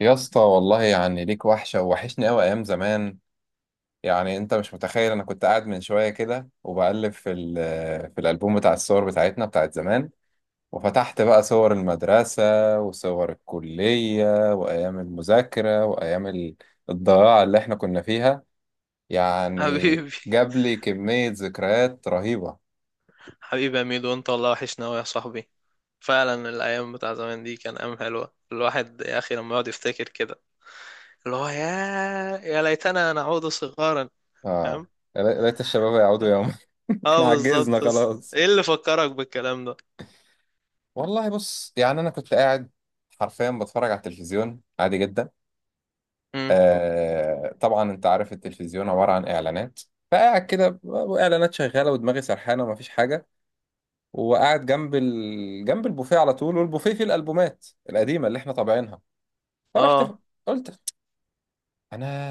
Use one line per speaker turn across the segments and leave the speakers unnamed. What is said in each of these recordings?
يا اسطى، والله يعني ليك وحشة ووحشني أوي أيام زمان. يعني أنت مش متخيل، أنا كنت قاعد من شوية كده وبقلب في ال في الألبوم بتاع الصور بتاعتنا بتاعت زمان، وفتحت بقى صور المدرسة وصور الكلية وأيام المذاكرة وأيام الضياع اللي إحنا كنا فيها. يعني
حبيبي.
جاب لي كمية ذكريات رهيبة.
حبيبي يا ميدو، انت والله وحشنا قوي يا صاحبي. فعلا الايام بتاع زمان دي كان ايام حلوه، الواحد يا اخي لما يقعد يفتكر كده اللي هو يا ليتنا نعود صغارا.
آه،
فاهم؟
يا ليت يا ليت الشباب يعودوا يوم. إحنا
اه
عجزنا
بالظبط. بس
خلاص.
ايه اللي فكرك بالكلام ده؟
والله بص، يعني أنا كنت قاعد حرفيا بتفرج على التلفزيون عادي جدا.
امم.
آه طبعا، انت عارف التلفزيون عبارة عن اعلانات، فقاعد كده اعلانات شغالة ودماغي سرحانة ومفيش حاجة، وقاعد جنب جنب البوفيه على طول، والبوفيه فيه الالبومات القديمة اللي احنا طابعينها. فرحت
اه،
قلت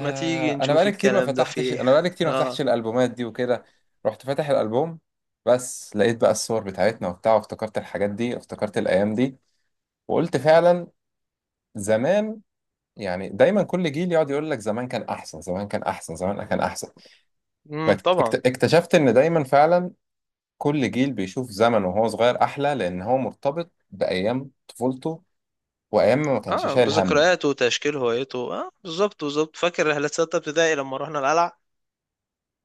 ما تيجي
انا
نشوف الكلام ده في ايه
انا بقالي كتير ما فتحتش
اه.
الالبومات دي وكده. رحت فاتح الالبوم، بس لقيت بقى الصور بتاعتنا وبتاع، وافتكرت الحاجات دي، افتكرت الايام دي، وقلت فعلا زمان. يعني دايما كل جيل يقعد يقول لك زمان كان احسن، زمان كان احسن، زمان كان احسن.
طبعا.
اكتشفت ان دايما فعلا كل جيل بيشوف زمن وهو صغير احلى، لان هو مرتبط بايام طفولته وايام ما كانش
اه
شايل هم.
بذكرياته وتشكيل هويته، اه بالظبط بالظبط. فاكر رحلة ستة ابتدائي لما رحنا القلعة؟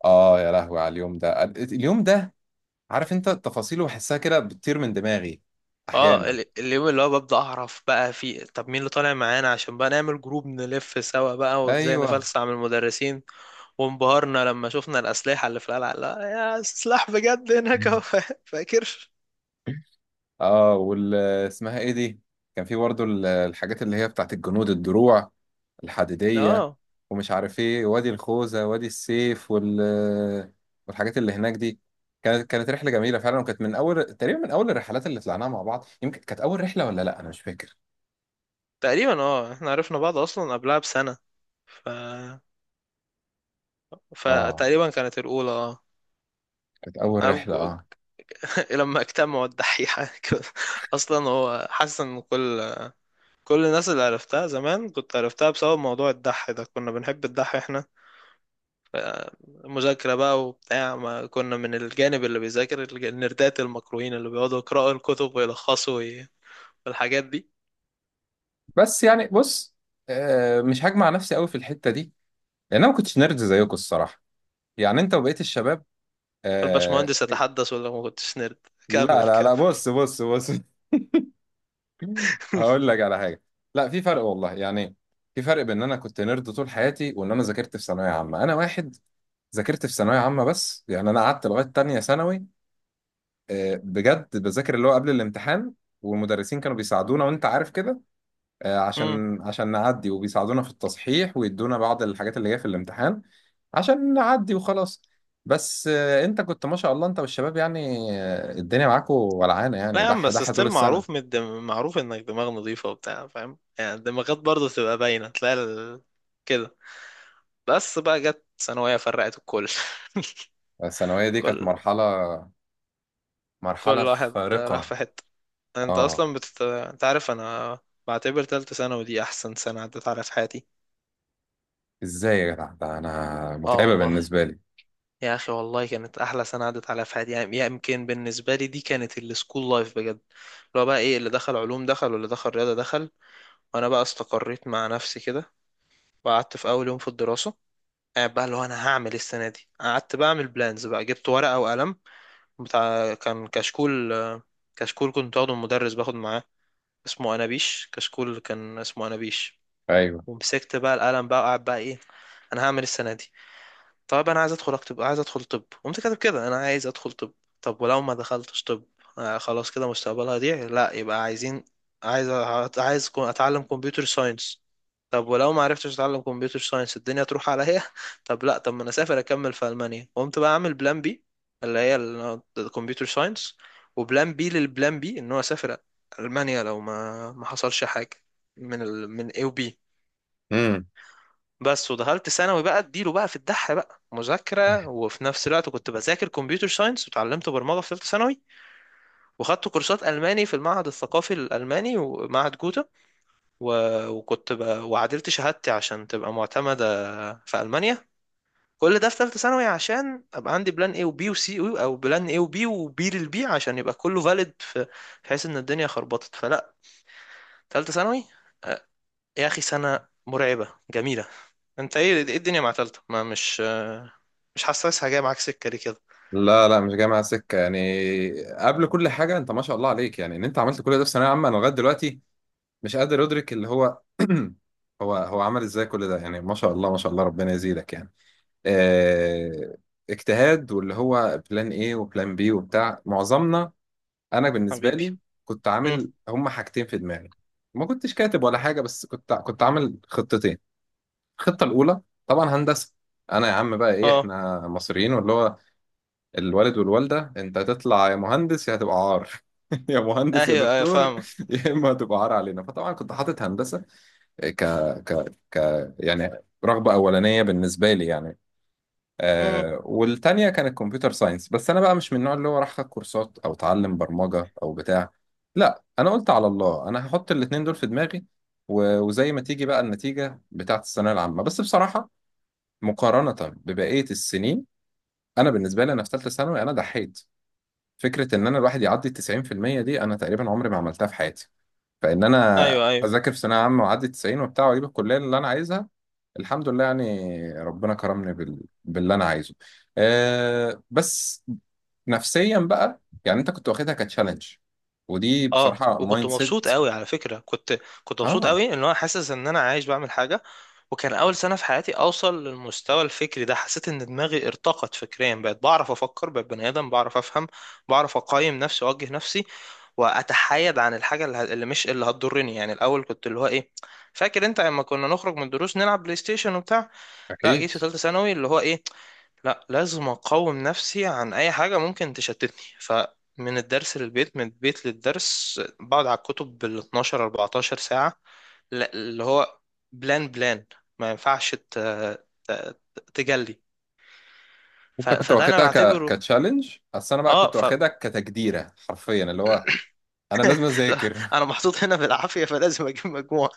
اه يا لهوي على اليوم ده، اليوم ده عارف انت تفاصيله بحسها كده بتطير من دماغي
اه
احيانا.
اليوم اللي هو ببدأ اعرف بقى في طب مين اللي طالع معانا عشان بقى نعمل جروب نلف سوا بقى وازاي
ايوه.
نفلسع من المدرسين. وانبهرنا لما شفنا الأسلحة اللي في القلعة. لا يا سلاح بجد هناك اهو فاكر؟
اه، وال اسمها ايه دي كان في برضه الحاجات اللي هي بتاعت الجنود، الدروع الحديدية
اه
ومش عارف ايه، وادي الخوذة وادي السيف والحاجات اللي هناك دي. كانت رحلة جميلة فعلا، وكانت من اول تقريبا من اول الرحلات اللي طلعناها مع بعض. يمكن كانت اول رحلة ولا لا، انا مش فاكر.
تقريبا اه. احنا عرفنا بعض اصلا قبلها بسنة. ف
اه،
فتقريبا كانت الأولى اه.
كانت اول
أنا في
رحلة
جو-
اه.
لما اجتمعوا الدحيحة كده. اصلا هو حاسس ان كل الناس اللي عرفتها زمان كنت عرفتها بسبب موضوع الدح ده. كنا بنحب الدح احنا، مذاكرة بقى وبتاع. ما كنا من الجانب اللي بيذاكر النردات المكروهين اللي بيقعدوا يقرأوا الكتب ويلخصوا والحاجات دي.
بس يعني بص، آه، مش هجمع نفسي قوي في الحتة دي لان انا ما كنتش نرد زيكم الصراحة، يعني انت وبقية الشباب. آه.
الباشمهندس يتحدث ولا ما كنتش نرد؟
لا
كمل
لا
كمل
لا، بص بص بص. هقول لك على حاجه. لا، في فرق والله، يعني في فرق بين ان انا كنت نيرد طول حياتي، وان انا ذاكرت في ثانويه عامه. انا واحد ذاكرت في ثانويه عامه، بس يعني انا قعدت لغايه تانية ثانوي، بجد بذاكر اللي هو قبل الامتحان، والمدرسين كانوا بيساعدونا وانت عارف كده.
مم.
عشان نعدي، وبيساعدونا في التصحيح ويدونا بعض الحاجات اللي جايه في الامتحان عشان نعدي وخلاص. بس انت كنت ما شاء الله، انت والشباب يعني الدنيا معاكوا ولعانه،
لا
يعني
يا عم.
دح
بس
دح طول
ستيل
السنه.
معروف انك دماغ نظيفة وبتاع فاهم، يعني الدماغات برضه بتبقى باينة. تلاقي كده. بس بقى جت ثانوية فرقت الكل
الثانويه دي كانت
كل
مرحله،
كل
مرحلة
واحد راح
فارقة.
في حتة.
اه.
انت عارف انا بعتبر تالتة ثانوي دي احسن سنة عدت على في حياتي.
ازاي يا جدع؟ ده انا
اه
متعبة
والله.
بالنسبة لي.
يا اخي والله كانت احلى سنه عدت عليا في حياتي. يعني يمكن بالنسبه لي دي كانت السكول لايف بجد، اللي هو بقى ايه؟ اللي دخل علوم دخل واللي دخل رياضه دخل. وانا بقى استقريت مع نفسي كده. وقعدت في اول يوم في الدراسه قاعد بقى اللي هو انا هعمل إيه السنه دي. قعدت بقى اعمل بلانز بقى، جبت ورقه وقلم. بتاع كان كشكول. كشكول كنت واخده من مدرس باخد معاه، اسمه انابيش. كشكول كان اسمه انابيش.
ايوه.
ومسكت بقى القلم بقى وقعد بقى ايه، انا هعمل إيه السنه دي؟ طب انا عايز ادخل، اكتب عايز ادخل طب. قمت كاتب كده انا عايز ادخل طب. طب ولو ما دخلتش طب؟ آه، خلاص كده مستقبلها يضيع. لا يبقى عايزين عايز عايز اتعلم كمبيوتر ساينس. طب ولو ما عرفتش اتعلم كمبيوتر ساينس الدنيا تروح عليا طب لا، طب ما انا اسافر اكمل في المانيا. قمت بقى اعمل بلان بي، اللي هي الكمبيوتر ساينس، وبلان بي للبلان بي ان هو اسافر المانيا لو ما حصلش حاجه من اي وبي.
امم.
بس ودخلت ثانوي بقى اديله بقى في الدح بقى مذاكرة، وفي نفس الوقت كنت بذاكر كمبيوتر ساينس وتعلمت برمجة في ثالثة ثانوي. وخدت كورسات ألماني في المعهد الثقافي الألماني ومعهد جوتا و... وعدلت شهادتي عشان تبقى معتمدة في ألمانيا. كل ده في ثالثة ثانوي عشان أبقى عندي بلان A وبي وسي، أو بلان A وبي وبي للبي عشان يبقى كله فاليد بحيث إن الدنيا خربطت فلا. ثالثة ثانوي يا أخي سنة مرعبة جميلة. انت ايه الدنيا مع تالتة؟ ما مش حاسسها جايه معاك سكه ليه كده؟
لا لا، مش جاي معايا سكة يعني. قبل كل حاجة، انت ما شاء الله عليك، يعني ان انت عملت كل ده في ثانوية عامة. انا لغاية دلوقتي مش قادر ادرك اللي هو هو عمل ازاي كل ده، يعني ما شاء الله ما شاء الله، ربنا يزيدك يعني. آه، اجتهاد واللي هو بلان ايه وبلان بي وبتاع معظمنا. انا بالنسبة
حبيبي.
لي كنت
امم.
عامل هما حاجتين في دماغي، ما كنتش كاتب ولا حاجة، بس كنت عامل خطتين. الخطة الأولى طبعا هندسة. أنا يا عم بقى إيه،
اه.
إحنا مصريين واللي هو الوالد والوالدة أنت هتطلع يا مهندس يا هتبقى عار. يا مهندس يا
ايوه ايوه
دكتور،
فاهمك.
يا إما هتبقى عار علينا. فطبعا كنت حاطط هندسة. إيه، ك ك ك يعني رغبة أولانية بالنسبة لي يعني.
امم.
آه، والتانية كانت كمبيوتر ساينس. بس أنا بقى مش من النوع اللي هو راح أخد كورسات أو أتعلم برمجة أو بتاع. لا، أنا قلت على الله، أنا هحط الاتنين دول في دماغي وزي ما تيجي بقى النتيجة بتاعت الثانوية العامة. بس بصراحة، مقارنة ببقية السنين، أنا بالنسبة لي أنا في ثالثة ثانوي أنا ضحيت. فكرة إن أنا الواحد يعدي التسعين في المية دي، أنا تقريبا عمري ما عملتها في حياتي. فإن أنا
ايوه ايوه.
أذاكر في ثانوية عامة وأعدي التسعين وبتاع وأجيب الكلية اللي أنا عايزها، الحمد لله يعني، ربنا كرمني باللي أنا عايزه. أه بس نفسيا بقى، يعني أنت كنت واخدها كتشالنج، ودي
اه،
بصراحة
وكنت
مايند
مبسوط
سيت.
قوي على فكرة. كنت مبسوط
آه.
قوي ان انا حاسس ان انا عايش بعمل حاجة. وكان اول سنة في حياتي اوصل للمستوى الفكري ده. حسيت ان دماغي ارتقت فكريا، بقيت بعرف افكر، بقيت بني ادم بعرف افهم بعرف اقيم نفسي واوجه نفسي واتحايد عن الحاجة اللي مش اللي هتضرني يعني. الاول كنت اللي هو ايه، فاكر انت لما كنا نخرج من الدروس نلعب بلاي ستيشن وبتاع. لا جيت
أكيد.
في ثالثه ثانوي اللي هو ايه، لا لازم اقاوم نفسي عن اي حاجه ممكن تشتتني. فمن الدرس للبيت من البيت للدرس بقعد على الكتب بال 12 14 ساعه. اللي هو بلان، ما ينفعش ت- تجلي.
أنت كنت
فده انا
واخدها
بعتبره.
كتشالنج، أصل أنا بقى
اه
كنت
ف
واخدها كتجديرة، حرفيا اللي هو انا لازم
لا،
اذاكر.
انا محطوط هنا بالعافيه فلازم اجيب مجموعه.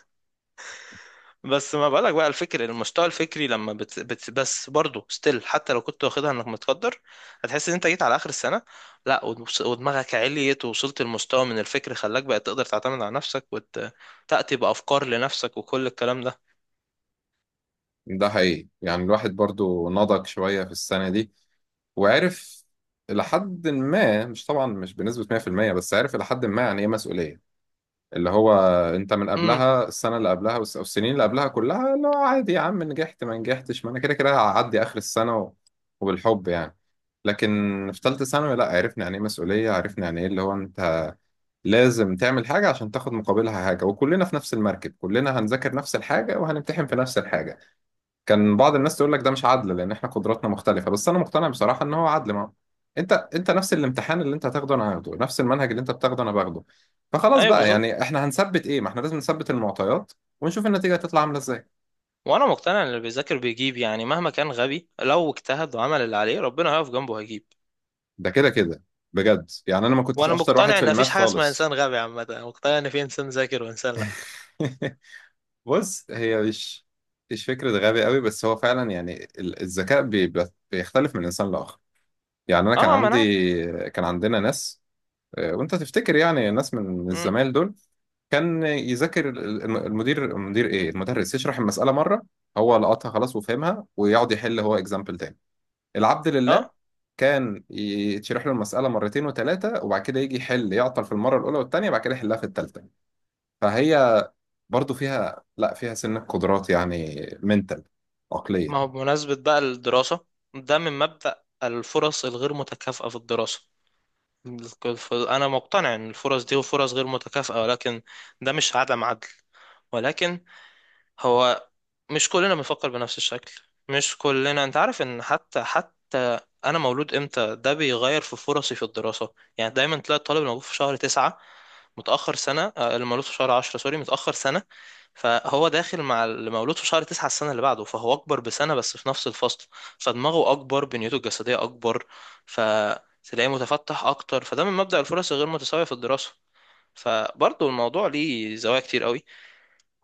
بس ما بقولك بقى، الفكر المستوى الفكري لما بس برضه ستيل حتى لو كنت واخدها انك متقدر هتحس ان انت جيت على اخر السنه. لا ودماغك عليت ووصلت لمستوى من الفكر خلاك بقى تقدر تعتمد على نفسك وتاتي بافكار لنفسك وكل الكلام ده.
ده حقيقي، يعني الواحد برضو نضج شوية في السنة دي وعرف إلى حد ما، مش طبعا مش بنسبة 100%، بس عرف إلى حد ما يعني ايه مسؤولية. اللي هو انت من
امم.
قبلها، السنة اللي قبلها والسنين اللي قبلها كلها اللي هو عادي يا عم، نجحت ما نجحتش، ما انا كده كده هعدي اخر السنة وبالحب يعني. لكن في ثالثة ثانوي، لا، عرفنا يعني ايه مسؤولية، عرفنا يعني ايه اللي هو انت لازم تعمل حاجة عشان تاخد مقابلها حاجة، وكلنا في نفس المركب، كلنا هنذاكر نفس الحاجة وهنمتحن في نفس الحاجة. كان بعض الناس تقول لك ده مش عدل لان احنا قدراتنا مختلفه، بس انا مقتنع بصراحه ان هو عدل. ما انت نفس الامتحان اللي انت هتاخده انا هاخده، نفس المنهج اللي انت بتاخده انا باخده. فخلاص
ايوه
بقى،
بالظبط.
يعني احنا هنثبت ايه؟ ما احنا لازم نثبت المعطيات ونشوف النتيجه هتطلع عامله ازاي.
وانا مقتنع ان اللي بيذاكر بيجيب، يعني مهما كان غبي لو اجتهد وعمل اللي عليه ربنا هيقف جنبه هيجيب.
ده كده كده. بجد يعني انا ما كنتش
وانا
اشطر واحد
مقتنع
في
ان
الماث
مفيش حاجه اسمها
خالص.
انسان غبي، عامه أنا مقتنع ان في انسان ذاكر وانسان لا.
بص، هي مش فكرة غبي قوي، بس هو فعلا يعني الذكاء بيختلف من إنسان لآخر. يعني أنا كان
اه، ما انا عارف.
عندي، كان عندنا ناس، وانت تفتكر يعني الناس من
امم.
الزمايل دول كان يذاكر ال- الم- المدير المدير ايه المدرس يشرح المسألة مرة، هو لقطها خلاص وفهمها ويقعد يحل هو اكزامبل تاني. العبد لله
اه،
كان يتشرح له المسألة مرتين وثلاثة، وبعد كده يجي يحل يعطل في المرة الأولى والتانية، بعد كده يحلها في التالتة. فهي برضو فيها، لا، فيها سنة قدرات يعني منتال،
ما هو
عقلية.
بمناسبة بقى الدراسة. ده من مبدأ الفرص الغير متكافئة في الدراسة. أنا مقتنع إن الفرص دي فرص غير متكافئة، ولكن ده مش عدم عدل. ولكن هو مش كلنا بنفكر بنفس الشكل، مش كلنا انت عارف ان حتى انا مولود امتى ده بيغير في فرصي في الدراسة. يعني دايما تلاقي الطالب المولود في شهر تسعة متأخر سنة، اللي مولود في شهر عشرة سوري متأخر سنة. فهو داخل مع اللي مولود في شهر تسعة السنة اللي بعده، فهو أكبر بسنة بس في نفس الفصل. فدماغه أكبر، بنيته الجسدية أكبر، فتلاقيه متفتح أكتر. فده من مبدأ الفرص الغير متساوية في الدراسة. فبرضه الموضوع ليه زوايا كتير قوي.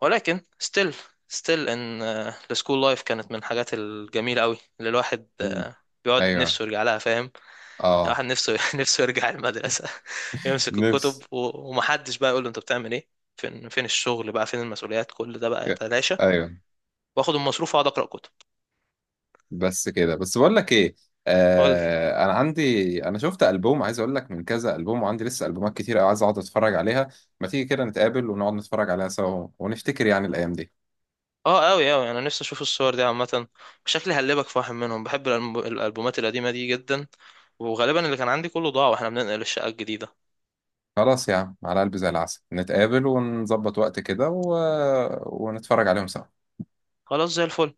ولكن still ان السكول لايف كانت من الحاجات الجميله قوي اللي الواحد
مم.
بيقعد
ايوه.
نفسه يرجع لها فاهم يعني.
اه.
الواحد نفسه نفسه يرجع المدرسه يمسك الكتب
نفس.
ومحدش بقى يقول له انت بتعمل ايه. فين الشغل بقى فين المسؤوليات، كل ده بقى يتلاشى.
ايوه.
واخد المصروف واقعد اقرا كتب.
بس كده، بس بقول لك ايه،
قول لي.
آه انا عندي، انا شفت البوم عايز اقول لك، من كذا البوم، وعندي لسه البومات كتير قوي عايز اقعد اتفرج عليها. ما تيجي كده نتقابل ونقعد نتفرج عليها سوا، ونفتكر يعني الايام دي.
اه قوي قوي انا نفسي اشوف الصور دي عامه. شكلي هقلبك في واحد منهم. بحب الالبومات القديمه دي جدا. وغالبا اللي كان عندي كله ضاع واحنا بننقل الشقه الجديده.
خلاص يا عم، على قلبي زي العسل، نتقابل ونظبط وقت كده ونتفرج عليهم سوا.
خلاص زي الفل.